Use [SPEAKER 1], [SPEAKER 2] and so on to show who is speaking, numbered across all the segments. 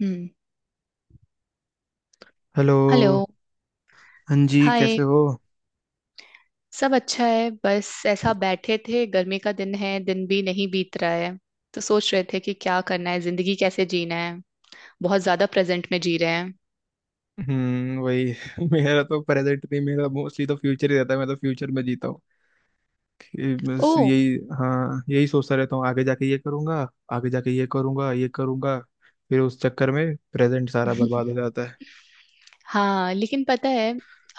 [SPEAKER 1] हम्म।
[SPEAKER 2] Hello.
[SPEAKER 1] Hello.
[SPEAKER 2] हाँ जी,
[SPEAKER 1] hi.
[SPEAKER 2] कैसे हो।
[SPEAKER 1] सब अच्छा है, बस ऐसा बैठे थे, गर्मी का दिन है, दिन भी नहीं बीत रहा है। तो सोच रहे थे कि क्या करना है, जिंदगी कैसे जीना है। बहुत ज्यादा प्रेजेंट में जी रहे हैं।
[SPEAKER 2] हम्म, वही मेरा तो प्रेजेंट नहीं, मेरा मोस्टली तो फ्यूचर ही रहता है। मैं तो फ्यूचर में जीता हूँ। ये
[SPEAKER 1] ओ।
[SPEAKER 2] बस यही, हाँ, यही सोचता रहता हूँ आगे जाके ये करूंगा, आगे जाके ये करूंगा, ये करूंगा। फिर उस चक्कर में प्रेजेंट सारा बर्बाद हो जाता है।
[SPEAKER 1] हाँ, लेकिन पता है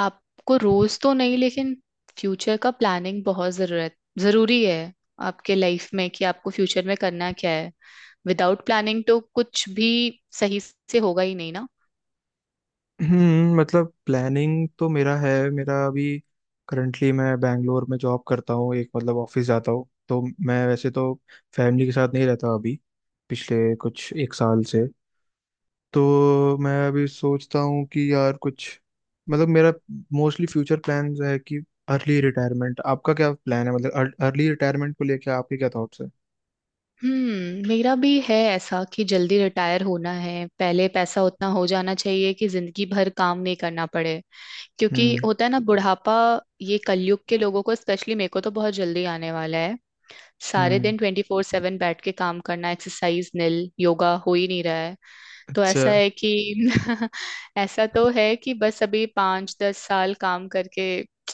[SPEAKER 1] आपको, रोज तो नहीं, लेकिन फ्यूचर का प्लानिंग बहुत जरूरत जरूरी है आपके लाइफ में, कि आपको फ्यूचर में करना क्या है। विदाउट प्लानिंग तो कुछ भी सही से होगा ही नहीं ना।
[SPEAKER 2] हम्म, मतलब प्लानिंग तो मेरा अभी, करंटली मैं बैंगलोर में जॉब करता हूँ। एक मतलब ऑफिस जाता हूँ, तो मैं वैसे तो फैमिली के साथ नहीं रहता अभी, पिछले कुछ 1 साल से। तो मैं अभी सोचता हूँ कि यार कुछ, मतलब मेरा मोस्टली फ्यूचर प्लान है कि अर्ली रिटायरमेंट। आपका क्या प्लान है, मतलब अर्ली रिटायरमेंट को लेके आपके क्या थॉट्स है।
[SPEAKER 1] हम्म। मेरा भी है ऐसा, कि जल्दी रिटायर होना है, पहले पैसा उतना हो जाना चाहिए कि जिंदगी भर काम नहीं करना पड़े। क्योंकि
[SPEAKER 2] हम्म।
[SPEAKER 1] होता है ना बुढ़ापा, ये कलयुग के लोगों को, स्पेशली मेरे को तो बहुत जल्दी आने वाला है। सारे
[SPEAKER 2] हम्म।
[SPEAKER 1] दिन 24/7 बैठ के काम करना, एक्सरसाइज निल, योगा हो ही नहीं रहा है। तो
[SPEAKER 2] अच्छा।
[SPEAKER 1] ऐसा है कि ऐसा तो है कि बस अभी 5-10 साल काम करके,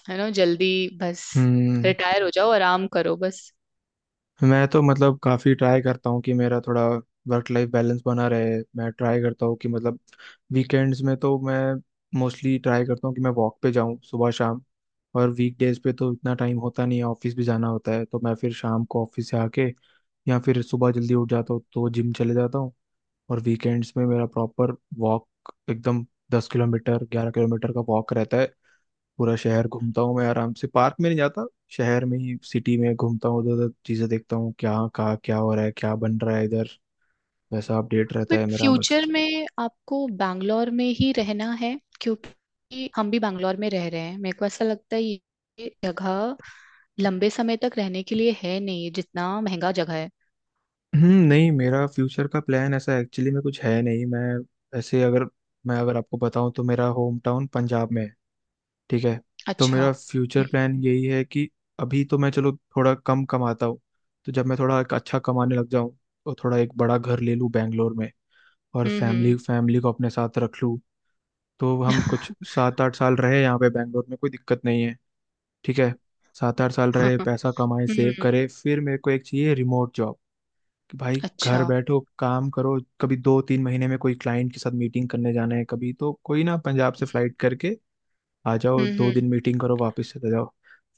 [SPEAKER 1] है ना, जल्दी, बस
[SPEAKER 2] हम्म।
[SPEAKER 1] रिटायर हो जाओ, आराम करो बस।
[SPEAKER 2] मैं तो मतलब काफ़ी ट्राई करता हूँ कि मेरा थोड़ा वर्क लाइफ बैलेंस बना रहे। मैं ट्राई करता हूँ कि मतलब वीकेंड्स में तो मैं मोस्टली ट्राई करता हूँ कि मैं वॉक पे जाऊँ सुबह शाम। और वीकडेज पे तो इतना टाइम होता नहीं है, ऑफिस भी जाना होता है, तो मैं फिर शाम को ऑफिस से आके या फिर सुबह जल्दी उठ जाता हूँ तो जिम चले जाता हूँ। और वीकेंड्स में मेरा प्रॉपर वॉक, एकदम 10 किलोमीटर 11 किलोमीटर का वॉक रहता है। पूरा शहर घूमता हूँ मैं आराम से, पार्क में नहीं जाता, शहर में ही, सिटी में घूमता हूँ, उधर उधर चीजें देखता हूँ क्या कहाँ क्या हो रहा है, क्या बन रहा है इधर। वैसा अपडेट रहता
[SPEAKER 1] बट
[SPEAKER 2] है मेरा
[SPEAKER 1] फ्यूचर
[SPEAKER 2] मस्त।
[SPEAKER 1] में आपको बैंगलोर में ही रहना है? क्योंकि हम भी बैंगलोर में रह रहे हैं, मेरे को ऐसा लगता है ये जगह लंबे समय तक रहने के लिए है नहीं, जितना महंगा जगह है।
[SPEAKER 2] नहीं, मेरा फ्यूचर का प्लान ऐसा एक्चुअली में कुछ है नहीं। मैं ऐसे अगर, मैं अगर आपको बताऊं तो मेरा होम टाउन पंजाब में है। ठीक है। तो
[SPEAKER 1] अच्छा।
[SPEAKER 2] मेरा फ्यूचर प्लान
[SPEAKER 1] हम्म।
[SPEAKER 2] यही है कि अभी तो मैं, चलो, थोड़ा कम कमाता हूँ, तो जब मैं थोड़ा एक अच्छा कमाने लग जाऊं तो थोड़ा एक बड़ा घर ले लूं बैंगलोर में और फैमिली,
[SPEAKER 1] हम्म।
[SPEAKER 2] फैमिली को अपने साथ रख लूं। तो हम कुछ 7-8 साल रहे यहाँ पे बैंगलोर में, कोई दिक्कत नहीं है। ठीक है, 7-8 साल रहे,
[SPEAKER 1] हम्म।
[SPEAKER 2] पैसा कमाए, सेव
[SPEAKER 1] हम्म।
[SPEAKER 2] करे, फिर मेरे को एक चाहिए रिमोट जॉब कि भाई घर
[SPEAKER 1] अच्छा।
[SPEAKER 2] बैठो काम करो, कभी 2-3 महीने में कोई क्लाइंट के साथ मीटिंग करने जाना है कभी, तो कोई ना, पंजाब से फ्लाइट करके आ जाओ,
[SPEAKER 1] हम्म।
[SPEAKER 2] दो
[SPEAKER 1] हम्म।
[SPEAKER 2] दिन मीटिंग करो, वापस चले जाओ।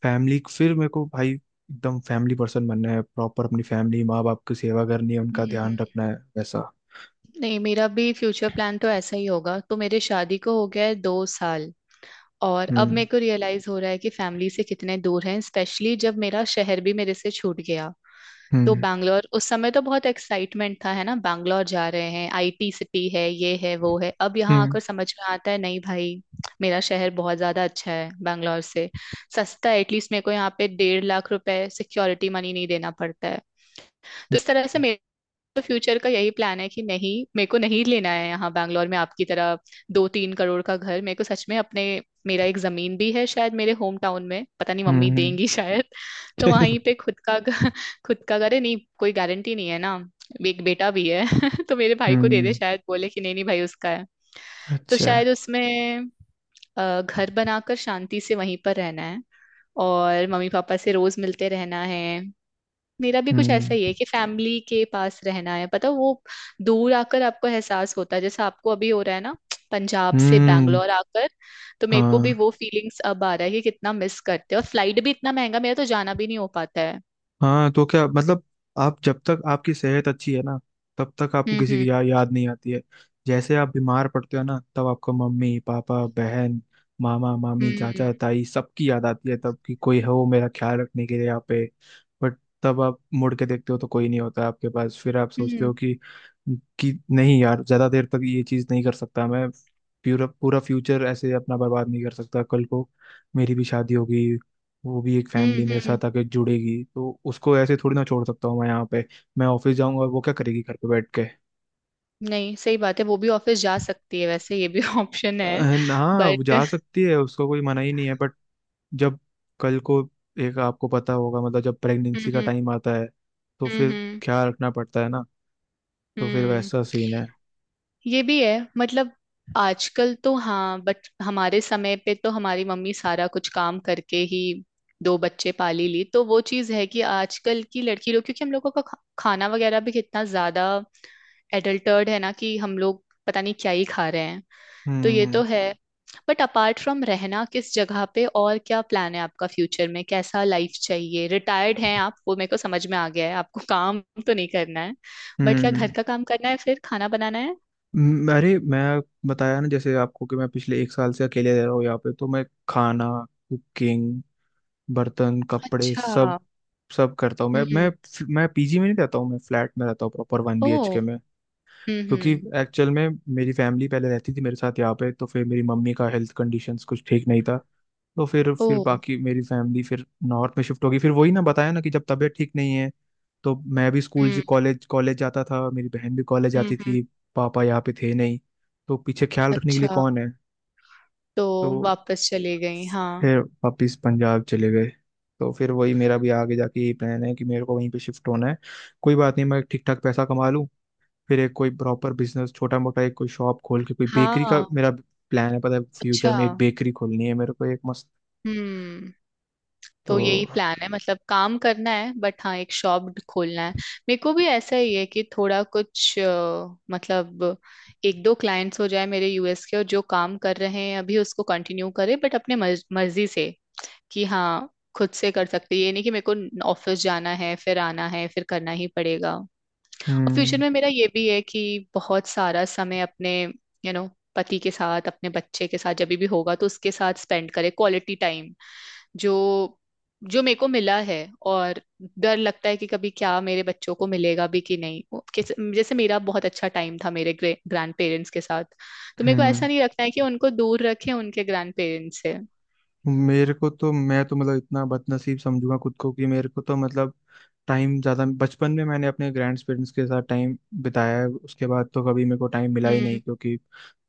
[SPEAKER 2] फैमिली, फिर मेरे को भाई एकदम फैमिली पर्सन बनना है, प्रॉपर अपनी फैमिली, माँ बाप की सेवा करनी है, उनका
[SPEAKER 1] हम्म।
[SPEAKER 2] ध्यान रखना है, वैसा।
[SPEAKER 1] नहीं मेरा भी फ्यूचर प्लान तो ऐसा ही होगा। तो मेरे शादी को हो गया है 2 साल, और अब मेरे
[SPEAKER 2] हम्म।
[SPEAKER 1] को रियलाइज हो रहा है कि फैमिली से कितने दूर हैं, स्पेशली जब मेरा शहर भी मेरे से छूट गया। तो
[SPEAKER 2] हम्म।
[SPEAKER 1] बैंगलोर, उस समय तो बहुत एक्साइटमेंट था, है ना, बैंगलोर जा रहे हैं, आईटी सिटी है, ये है वो है, अब यहाँ
[SPEAKER 2] हम्म।
[SPEAKER 1] आकर समझ में आता है, नहीं भाई, मेरा शहर बहुत ज्यादा अच्छा है बैंगलोर से, सस्ता है, एटलीस्ट मेरे को यहाँ पे 1.5 लाख रुपए सिक्योरिटी मनी नहीं देना पड़ता है। तो इस तरह से, तो फ्यूचर का यही प्लान है कि नहीं मेरे को नहीं लेना है यहाँ बैंगलोर में आपकी तरह 2-3 करोड़ का घर। मेरे को सच में अपने, मेरा एक जमीन भी है शायद मेरे होम टाउन में, पता नहीं
[SPEAKER 2] हम्म।
[SPEAKER 1] मम्मी देंगी शायद। तो वहीं पे खुद का खुद का घर है, नहीं कोई गारंटी नहीं है ना, एक बेटा भी है तो मेरे भाई को दे दे,
[SPEAKER 2] हम्म।
[SPEAKER 1] शायद बोले कि नहीं नहीं भाई उसका है। तो
[SPEAKER 2] अच्छा।
[SPEAKER 1] शायद उसमें घर बनाकर शांति से वहीं पर रहना है और मम्मी पापा से रोज मिलते रहना है। मेरा भी कुछ ऐसा
[SPEAKER 2] हम्म।
[SPEAKER 1] ही है कि फैमिली के पास रहना है, पता है, वो दूर आकर आपको एहसास होता है, जैसे आपको अभी हो रहा है ना पंजाब से
[SPEAKER 2] हम्म।
[SPEAKER 1] बैंगलोर आकर, तो मेरे को भी
[SPEAKER 2] हाँ।
[SPEAKER 1] वो फीलिंग्स अब आ रहा है कि कितना मिस करते हैं, और फ्लाइट भी इतना महंगा, मेरा तो जाना भी नहीं हो पाता है।
[SPEAKER 2] हाँ, तो क्या मतलब, आप जब तक आपकी सेहत अच्छी है ना, तब तक आपको
[SPEAKER 1] हम्म।
[SPEAKER 2] किसी की
[SPEAKER 1] हम्म।
[SPEAKER 2] याद नहीं आती है। जैसे आप बीमार पड़ते हो ना, तब आपको मम्मी पापा बहन, मामा मामी
[SPEAKER 1] हम्म।
[SPEAKER 2] चाचा ताई सबकी याद आती है, तब कि कोई हो मेरा ख्याल रखने के लिए यहाँ पे। बट तब आप मुड़ के देखते हो तो कोई नहीं होता आपके पास, फिर आप सोचते
[SPEAKER 1] हम्म।
[SPEAKER 2] हो कि नहीं यार, ज्यादा देर तक ये चीज नहीं कर सकता मैं, पूरा पूरा फ्यूचर ऐसे अपना बर्बाद नहीं कर सकता। कल को मेरी भी शादी होगी, वो भी एक
[SPEAKER 1] हम्म।
[SPEAKER 2] फैमिली मेरे
[SPEAKER 1] हम्म।
[SPEAKER 2] साथ आके जुड़ेगी, तो उसको ऐसे थोड़ी ना छोड़ सकता हूँ मैं यहाँ पे। मैं ऑफिस जाऊंगा और वो क्या करेगी घर पे बैठ के।
[SPEAKER 1] नहीं सही बात है, वो भी ऑफिस जा सकती है, वैसे ये भी ऑप्शन
[SPEAKER 2] अ,
[SPEAKER 1] है।
[SPEAKER 2] हाँ, वो
[SPEAKER 1] बट।
[SPEAKER 2] जा सकती है, उसको कोई मना ही नहीं है, बट जब कल को, एक आपको पता होगा मतलब जब
[SPEAKER 1] हम्म।
[SPEAKER 2] प्रेगनेंसी का
[SPEAKER 1] हम्म।
[SPEAKER 2] टाइम आता है तो
[SPEAKER 1] हम्म।
[SPEAKER 2] फिर
[SPEAKER 1] हम्म।
[SPEAKER 2] ख्याल रखना पड़ता है ना, तो फिर
[SPEAKER 1] हम्म।
[SPEAKER 2] वैसा सीन है।
[SPEAKER 1] ये भी है मतलब, आजकल तो हाँ, बट हमारे समय पे तो हमारी मम्मी सारा कुछ काम करके ही दो बच्चे पाली ली। तो वो चीज है कि आजकल की लड़की लोग, क्योंकि हम लोगों का खाना वगैरह भी कितना ज्यादा एडल्टर्ड है ना, कि हम लोग पता नहीं क्या ही खा रहे हैं। तो ये
[SPEAKER 2] हम्म।
[SPEAKER 1] तो है। बट अपार्ट फ्रॉम रहना किस जगह पे, और क्या प्लान है आपका फ्यूचर में, कैसा लाइफ चाहिए, रिटायर्ड हैं आप वो मेरे को समझ में आ गया है, आपको काम तो नहीं करना है, बट क्या
[SPEAKER 2] हम्म।
[SPEAKER 1] घर का काम करना है फिर, खाना बनाना है?
[SPEAKER 2] अरे मैं बताया ना जैसे आपको कि मैं पिछले 1 साल से अकेले रह रहा हूँ यहाँ पे, तो मैं खाना, कुकिंग, बर्तन, कपड़े,
[SPEAKER 1] अच्छा।
[SPEAKER 2] सब सब करता हूँ। मैं मैं
[SPEAKER 1] हम्म।
[SPEAKER 2] मैं पीजी में नहीं रहता हूँ, मैं फ्लैट में रहता हूँ, प्रॉपर
[SPEAKER 1] ओ।
[SPEAKER 2] 1 BHK में।
[SPEAKER 1] हम्म।
[SPEAKER 2] क्योंकि
[SPEAKER 1] हम्म।
[SPEAKER 2] एक्चुअल में मेरी फैमिली पहले रहती थी मेरे साथ यहाँ पे, तो फिर मेरी मम्मी का हेल्थ कंडीशंस कुछ ठीक नहीं था, तो फिर
[SPEAKER 1] ओ।
[SPEAKER 2] फिर बाकी मेरी फैमिली फिर नॉर्थ में शिफ्ट हो गई। फिर वही ना, बताया ना कि जब तबीयत ठीक नहीं है, तो मैं भी स्कूल
[SPEAKER 1] हम्म।
[SPEAKER 2] कॉलेज कॉलेज जाता था, मेरी बहन भी कॉलेज
[SPEAKER 1] हम्म।
[SPEAKER 2] जाती
[SPEAKER 1] हम्म।
[SPEAKER 2] थी, पापा यहाँ पे थे नहीं, तो पीछे ख्याल रखने के लिए
[SPEAKER 1] अच्छा।
[SPEAKER 2] कौन है।
[SPEAKER 1] तो
[SPEAKER 2] तो
[SPEAKER 1] वापस चले गई? हाँ।
[SPEAKER 2] फिर वापिस पंजाब चले गए। तो फिर वही मेरा भी आगे जाके यही प्लान है कि मेरे को वहीं पे शिफ्ट होना है। कोई बात नहीं, मैं ठीक ठाक पैसा कमा लूँ, फिर एक कोई प्रॉपर बिजनेस छोटा मोटा, एक कोई शॉप खोल के, कोई बेकरी का
[SPEAKER 1] हाँ।
[SPEAKER 2] मेरा प्लान है, पता है, फ्यूचर
[SPEAKER 1] अच्छा।
[SPEAKER 2] में एक बेकरी खोलनी है मेरे को एक मस्त।
[SPEAKER 1] हम्म।
[SPEAKER 2] तो
[SPEAKER 1] तो यही प्लान है, मतलब काम करना है बट हाँ एक शॉप खोलना है। मेरे को भी ऐसा ही है कि थोड़ा कुछ मतलब एक दो क्लाइंट्स हो जाए मेरे यूएस के, और जो काम कर रहे हैं अभी उसको कंटिन्यू करे, बट अपने मर्जी से, कि हाँ खुद से कर सकते, ये नहीं कि मेरे को ऑफिस जाना है फिर आना है फिर करना ही पड़ेगा। और फ्यूचर
[SPEAKER 2] हम्म।
[SPEAKER 1] में मेरा ये भी है कि बहुत सारा समय अपने यू नो पति के साथ, अपने बच्चे के साथ जब भी होगा तो उसके साथ स्पेंड करे क्वालिटी टाइम जो जो मेरे को मिला है। और डर लगता है कि कभी क्या मेरे बच्चों को मिलेगा भी कि नहीं, वो जैसे मेरा बहुत अच्छा टाइम था मेरे ग्रैंड पेरेंट्स के साथ, तो मेरे को
[SPEAKER 2] हम्म।
[SPEAKER 1] ऐसा नहीं रखना है कि उनको दूर रखें उनके ग्रैंड पेरेंट्स से।
[SPEAKER 2] मेरे को तो, मैं तो मतलब इतना बदनसीब समझूंगा खुद को कि मेरे को तो मतलब, टाइम ज़्यादा बचपन में मैंने अपने ग्रैंड पेरेंट्स के साथ टाइम बिताया है, उसके बाद तो कभी मेरे को टाइम मिला ही
[SPEAKER 1] हम्म।
[SPEAKER 2] नहीं, क्योंकि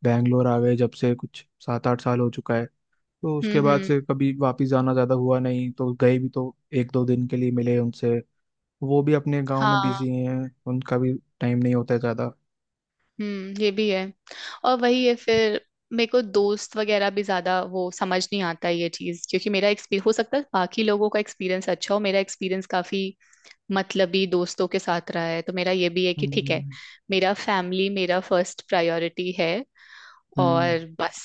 [SPEAKER 2] बैंगलोर आ गए जब से कुछ 7-8 साल हो चुका है, तो उसके
[SPEAKER 1] हम्म।
[SPEAKER 2] बाद
[SPEAKER 1] हम्म।
[SPEAKER 2] से कभी वापस जाना ज़्यादा हुआ नहीं, तो गए भी तो 1-2 दिन के लिए मिले उनसे। वो भी अपने गाँव में
[SPEAKER 1] हाँ।
[SPEAKER 2] बिजी हैं, उनका भी टाइम नहीं होता है ज़्यादा।
[SPEAKER 1] हम्म। ये भी है, और वही है फिर, मेरे को दोस्त वगैरह भी ज्यादा वो समझ नहीं आता है ये चीज, क्योंकि मेरा एक्सपीरियंस, हो सकता है बाकी लोगों का एक्सपीरियंस अच्छा हो, मेरा एक्सपीरियंस काफी मतलबी दोस्तों के साथ रहा है। तो मेरा ये भी है कि ठीक है,
[SPEAKER 2] हम्म।
[SPEAKER 1] मेरा फैमिली मेरा फर्स्ट प्रायोरिटी है
[SPEAKER 2] हम्म,
[SPEAKER 1] और बस।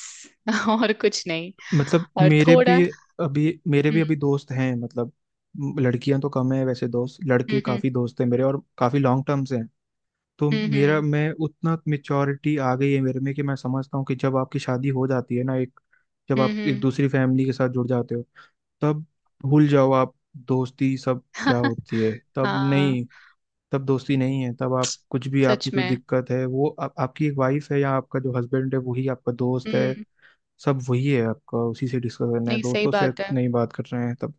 [SPEAKER 1] और कुछ नहीं।
[SPEAKER 2] मतलब
[SPEAKER 1] और
[SPEAKER 2] मेरे
[SPEAKER 1] थोड़ा।
[SPEAKER 2] भी अभी मेरे भी
[SPEAKER 1] हम्म।
[SPEAKER 2] अभी दोस्त हैं, मतलब लड़कियां तो कम है, वैसे दोस्त, लड़के
[SPEAKER 1] हम्म।
[SPEAKER 2] काफी दोस्त हैं मेरे और काफी लॉन्ग टर्म से हैं। तो
[SPEAKER 1] हम्म।
[SPEAKER 2] मेरा,
[SPEAKER 1] हम्म।
[SPEAKER 2] मैं उतना मेच्योरिटी आ गई है मेरे में कि मैं समझता हूँ कि जब आपकी शादी हो जाती है ना, एक, जब
[SPEAKER 1] हम्म।
[SPEAKER 2] आप एक
[SPEAKER 1] हम्म।
[SPEAKER 2] दूसरी फैमिली के साथ जुड़ जाते हो, तब भूल जाओ आप दोस्ती सब क्या होती है, तब
[SPEAKER 1] हाँ।
[SPEAKER 2] नहीं, तब दोस्ती नहीं है। तब आप कुछ भी,
[SPEAKER 1] सच
[SPEAKER 2] आपकी कोई
[SPEAKER 1] में।
[SPEAKER 2] दिक्कत है, वो आपकी एक वाइफ है या आपका जो हस्बैंड है वही आपका दोस्त है।
[SPEAKER 1] हम्म।
[SPEAKER 2] सब वही है आपका, उसी से डिस्कस करना है,
[SPEAKER 1] नहीं सही
[SPEAKER 2] दोस्तों से
[SPEAKER 1] बात है।
[SPEAKER 2] नहीं बात कर रहे हैं तब।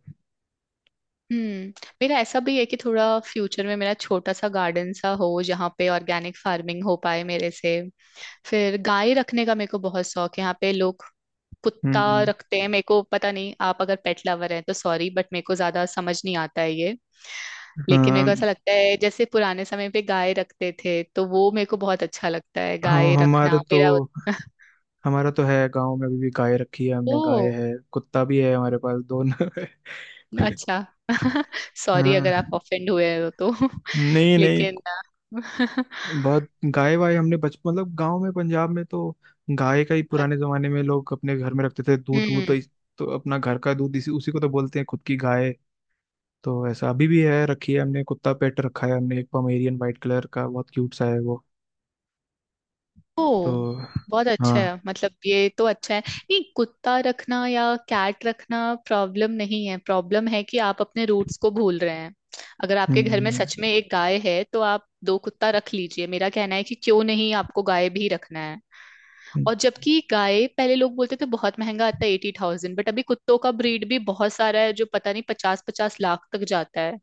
[SPEAKER 1] हम्म। मेरा ऐसा भी है कि थोड़ा फ्यूचर में मेरा छोटा सा गार्डन सा हो, जहाँ पे ऑर्गेनिक फार्मिंग हो पाए मेरे से, फिर गाय रखने का मेरे को बहुत शौक है। यहाँ पे लोग कुत्ता
[SPEAKER 2] हम्म।
[SPEAKER 1] रखते हैं, मेरे को पता नहीं, आप अगर पेट लवर हैं तो सॉरी, बट मेरे को ज्यादा समझ नहीं आता है ये। लेकिन मेरे को
[SPEAKER 2] हाँ,
[SPEAKER 1] ऐसा लगता है, जैसे पुराने समय पे गाय रखते थे, तो वो मेरे को बहुत अच्छा लगता है
[SPEAKER 2] हम
[SPEAKER 1] गाय रखना
[SPEAKER 2] हमारे तो,
[SPEAKER 1] मेरा।
[SPEAKER 2] हमारा तो है गांव में, अभी भी गाय रखी है
[SPEAKER 1] ओ।
[SPEAKER 2] हमने, गाय है, कुत्ता भी है हमारे पास, दोनों है
[SPEAKER 1] अच्छा। सॉरी अगर
[SPEAKER 2] हाँ,
[SPEAKER 1] आप ऑफेंड हुए हो तो।
[SPEAKER 2] नहीं नहीं,
[SPEAKER 1] लेकिन।
[SPEAKER 2] बहुत गाय वाय हमने बच मतलब गांव में, पंजाब में तो गाय का ही पुराने जमाने में लोग अपने घर में रखते थे दूध,
[SPEAKER 1] हम्म।
[SPEAKER 2] तो अपना घर का दूध, इसी, उसी को तो बोलते हैं खुद की गाय। तो ऐसा अभी भी है, रखी है हमने, कुत्ता पेट रखा है हमने, एक पमेरियन वाइट कलर का बहुत क्यूट सा है वो। तो
[SPEAKER 1] ओ। बहुत अच्छा
[SPEAKER 2] हाँ।
[SPEAKER 1] है, मतलब ये तो अच्छा है, नहीं कुत्ता रखना या कैट रखना प्रॉब्लम नहीं है। प्रॉब्लम है कि आप अपने रूट्स को भूल रहे हैं, अगर आपके घर में
[SPEAKER 2] हम्म।
[SPEAKER 1] सच में एक गाय है तो आप दो कुत्ता रख लीजिए, मेरा कहना है कि क्यों नहीं आपको गाय भी रखना है। और जबकि गाय पहले, लोग बोलते थे बहुत महंगा आता है 80,000, बट अभी कुत्तों का ब्रीड भी बहुत सारा है जो पता नहीं पचास पचास लाख तक जाता है।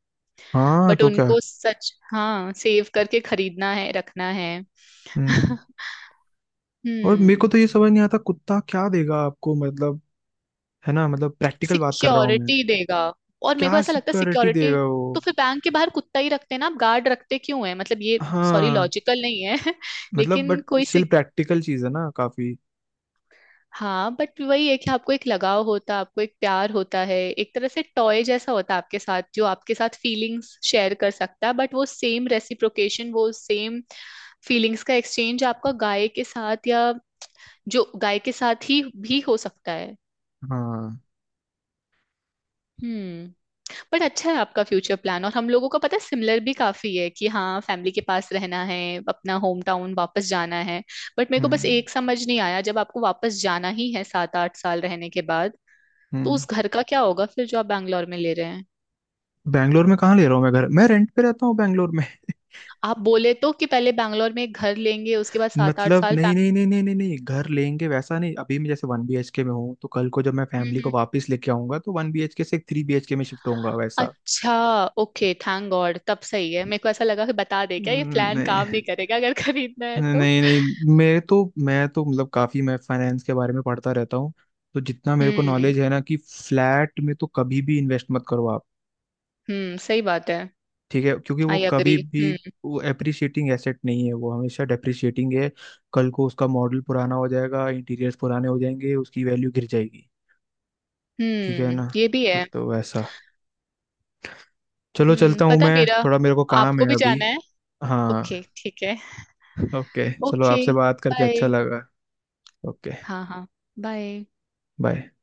[SPEAKER 2] हाँ
[SPEAKER 1] बट
[SPEAKER 2] तो क्या।
[SPEAKER 1] उनको सच, हाँ, सेव करके खरीदना है रखना है।
[SPEAKER 2] हम्म। और मेरे
[SPEAKER 1] हम्म।
[SPEAKER 2] को तो ये समझ नहीं आता कुत्ता क्या देगा आपको मतलब, है ना, मतलब प्रैक्टिकल बात कर रहा हूँ मैं।
[SPEAKER 1] सिक्योरिटी देगा, और मेरे को
[SPEAKER 2] क्या
[SPEAKER 1] ऐसा लगता है
[SPEAKER 2] सिक्योरिटी
[SPEAKER 1] सिक्योरिटी,
[SPEAKER 2] देगा वो।
[SPEAKER 1] तो फिर बैंक के बाहर कुत्ता ही रखते हैं ना आप, गार्ड रखते क्यों है, मतलब ये, सॉरी
[SPEAKER 2] हाँ,
[SPEAKER 1] लॉजिकल नहीं है।
[SPEAKER 2] मतलब
[SPEAKER 1] लेकिन
[SPEAKER 2] बट
[SPEAKER 1] कोई
[SPEAKER 2] स्टिल
[SPEAKER 1] सिक
[SPEAKER 2] प्रैक्टिकल चीज है ना काफी।
[SPEAKER 1] हाँ बट वही है कि आपको एक लगाव होता है, आपको एक प्यार होता है, एक तरह से टॉय जैसा होता है आपके साथ जो आपके साथ फीलिंग्स शेयर कर सकता है, बट वो सेम रेसिप्रोकेशन, वो सेम फीलिंग्स का एक्सचेंज आपका गाय के साथ या, जो गाय के साथ ही भी हो सकता है।
[SPEAKER 2] हाँ।
[SPEAKER 1] हम्म। बट अच्छा है आपका फ्यूचर प्लान, और हम लोगों का पता है सिमिलर भी काफी है, कि हाँ फैमिली के पास रहना है, अपना होम टाउन वापस जाना है। बट मेरे को बस
[SPEAKER 2] हम्म।
[SPEAKER 1] एक समझ नहीं आया, जब आपको वापस जाना ही है 7-8 साल रहने के बाद, तो
[SPEAKER 2] हम्म।
[SPEAKER 1] उस घर का क्या होगा फिर जो आप बैंगलोर में ले रहे हैं?
[SPEAKER 2] बैंगलोर में कहाँ ले रहा हूँ मैं घर, मैं रेंट पे रहता हूँ बैंगलोर में।
[SPEAKER 1] आप बोले तो कि पहले बैंगलोर में एक घर लेंगे उसके बाद सात आठ
[SPEAKER 2] मतलब
[SPEAKER 1] साल
[SPEAKER 2] नहीं
[SPEAKER 1] फैमिली।
[SPEAKER 2] नहीं नहीं नहीं नहीं नहीं, घर लेंगे वैसा नहीं, अभी मैं जैसे 1 BHK में हूँ, तो कल को जब मैं
[SPEAKER 1] हम्म।
[SPEAKER 2] फैमिली को
[SPEAKER 1] हम्म।
[SPEAKER 2] वापस लेके आऊंगा तो 1 BHK से एक 3 BHK में शिफ्ट होऊंगा वैसा।
[SPEAKER 1] अच्छा। ओके, थैंक गॉड, तब सही है, मेरे को ऐसा लगा कि बता दे क्या, ये प्लान
[SPEAKER 2] नहीं,
[SPEAKER 1] काम नहीं करेगा अगर खरीदना है तो।
[SPEAKER 2] नहीं नहीं। मेरे तो, मैं तो मतलब काफी मैं फाइनेंस के बारे में पढ़ता रहता हूँ, तो जितना मेरे को
[SPEAKER 1] हम्म।
[SPEAKER 2] नॉलेज है ना, कि फ्लैट में तो कभी भी इन्वेस्ट मत करो आप।
[SPEAKER 1] हम्म, सही बात है।
[SPEAKER 2] ठीक है, क्योंकि वो
[SPEAKER 1] आई अग्री।
[SPEAKER 2] कभी भी, वो एप्रिशिएटिंग एसेट नहीं है, वो हमेशा डेप्रिशिएटिंग है। कल को उसका मॉडल पुराना हो जाएगा, इंटीरियर्स पुराने हो जाएंगे, उसकी वैल्यू गिर जाएगी। ठीक है
[SPEAKER 1] हम्म,
[SPEAKER 2] ना।
[SPEAKER 1] ये भी है।
[SPEAKER 2] तो वैसा। चलो,
[SPEAKER 1] हम्म,
[SPEAKER 2] चलता हूँ
[SPEAKER 1] पता है
[SPEAKER 2] मैं
[SPEAKER 1] मेरा।
[SPEAKER 2] थोड़ा, मेरे को काम है
[SPEAKER 1] आपको भी
[SPEAKER 2] अभी।
[SPEAKER 1] जाना है? ओके
[SPEAKER 2] हाँ।
[SPEAKER 1] ठीक है।
[SPEAKER 2] ओके चलो,
[SPEAKER 1] ओके,
[SPEAKER 2] आपसे बात करके अच्छा
[SPEAKER 1] बाय।
[SPEAKER 2] लगा। ओके।
[SPEAKER 1] हाँ हाँ। बाय।
[SPEAKER 2] बाय।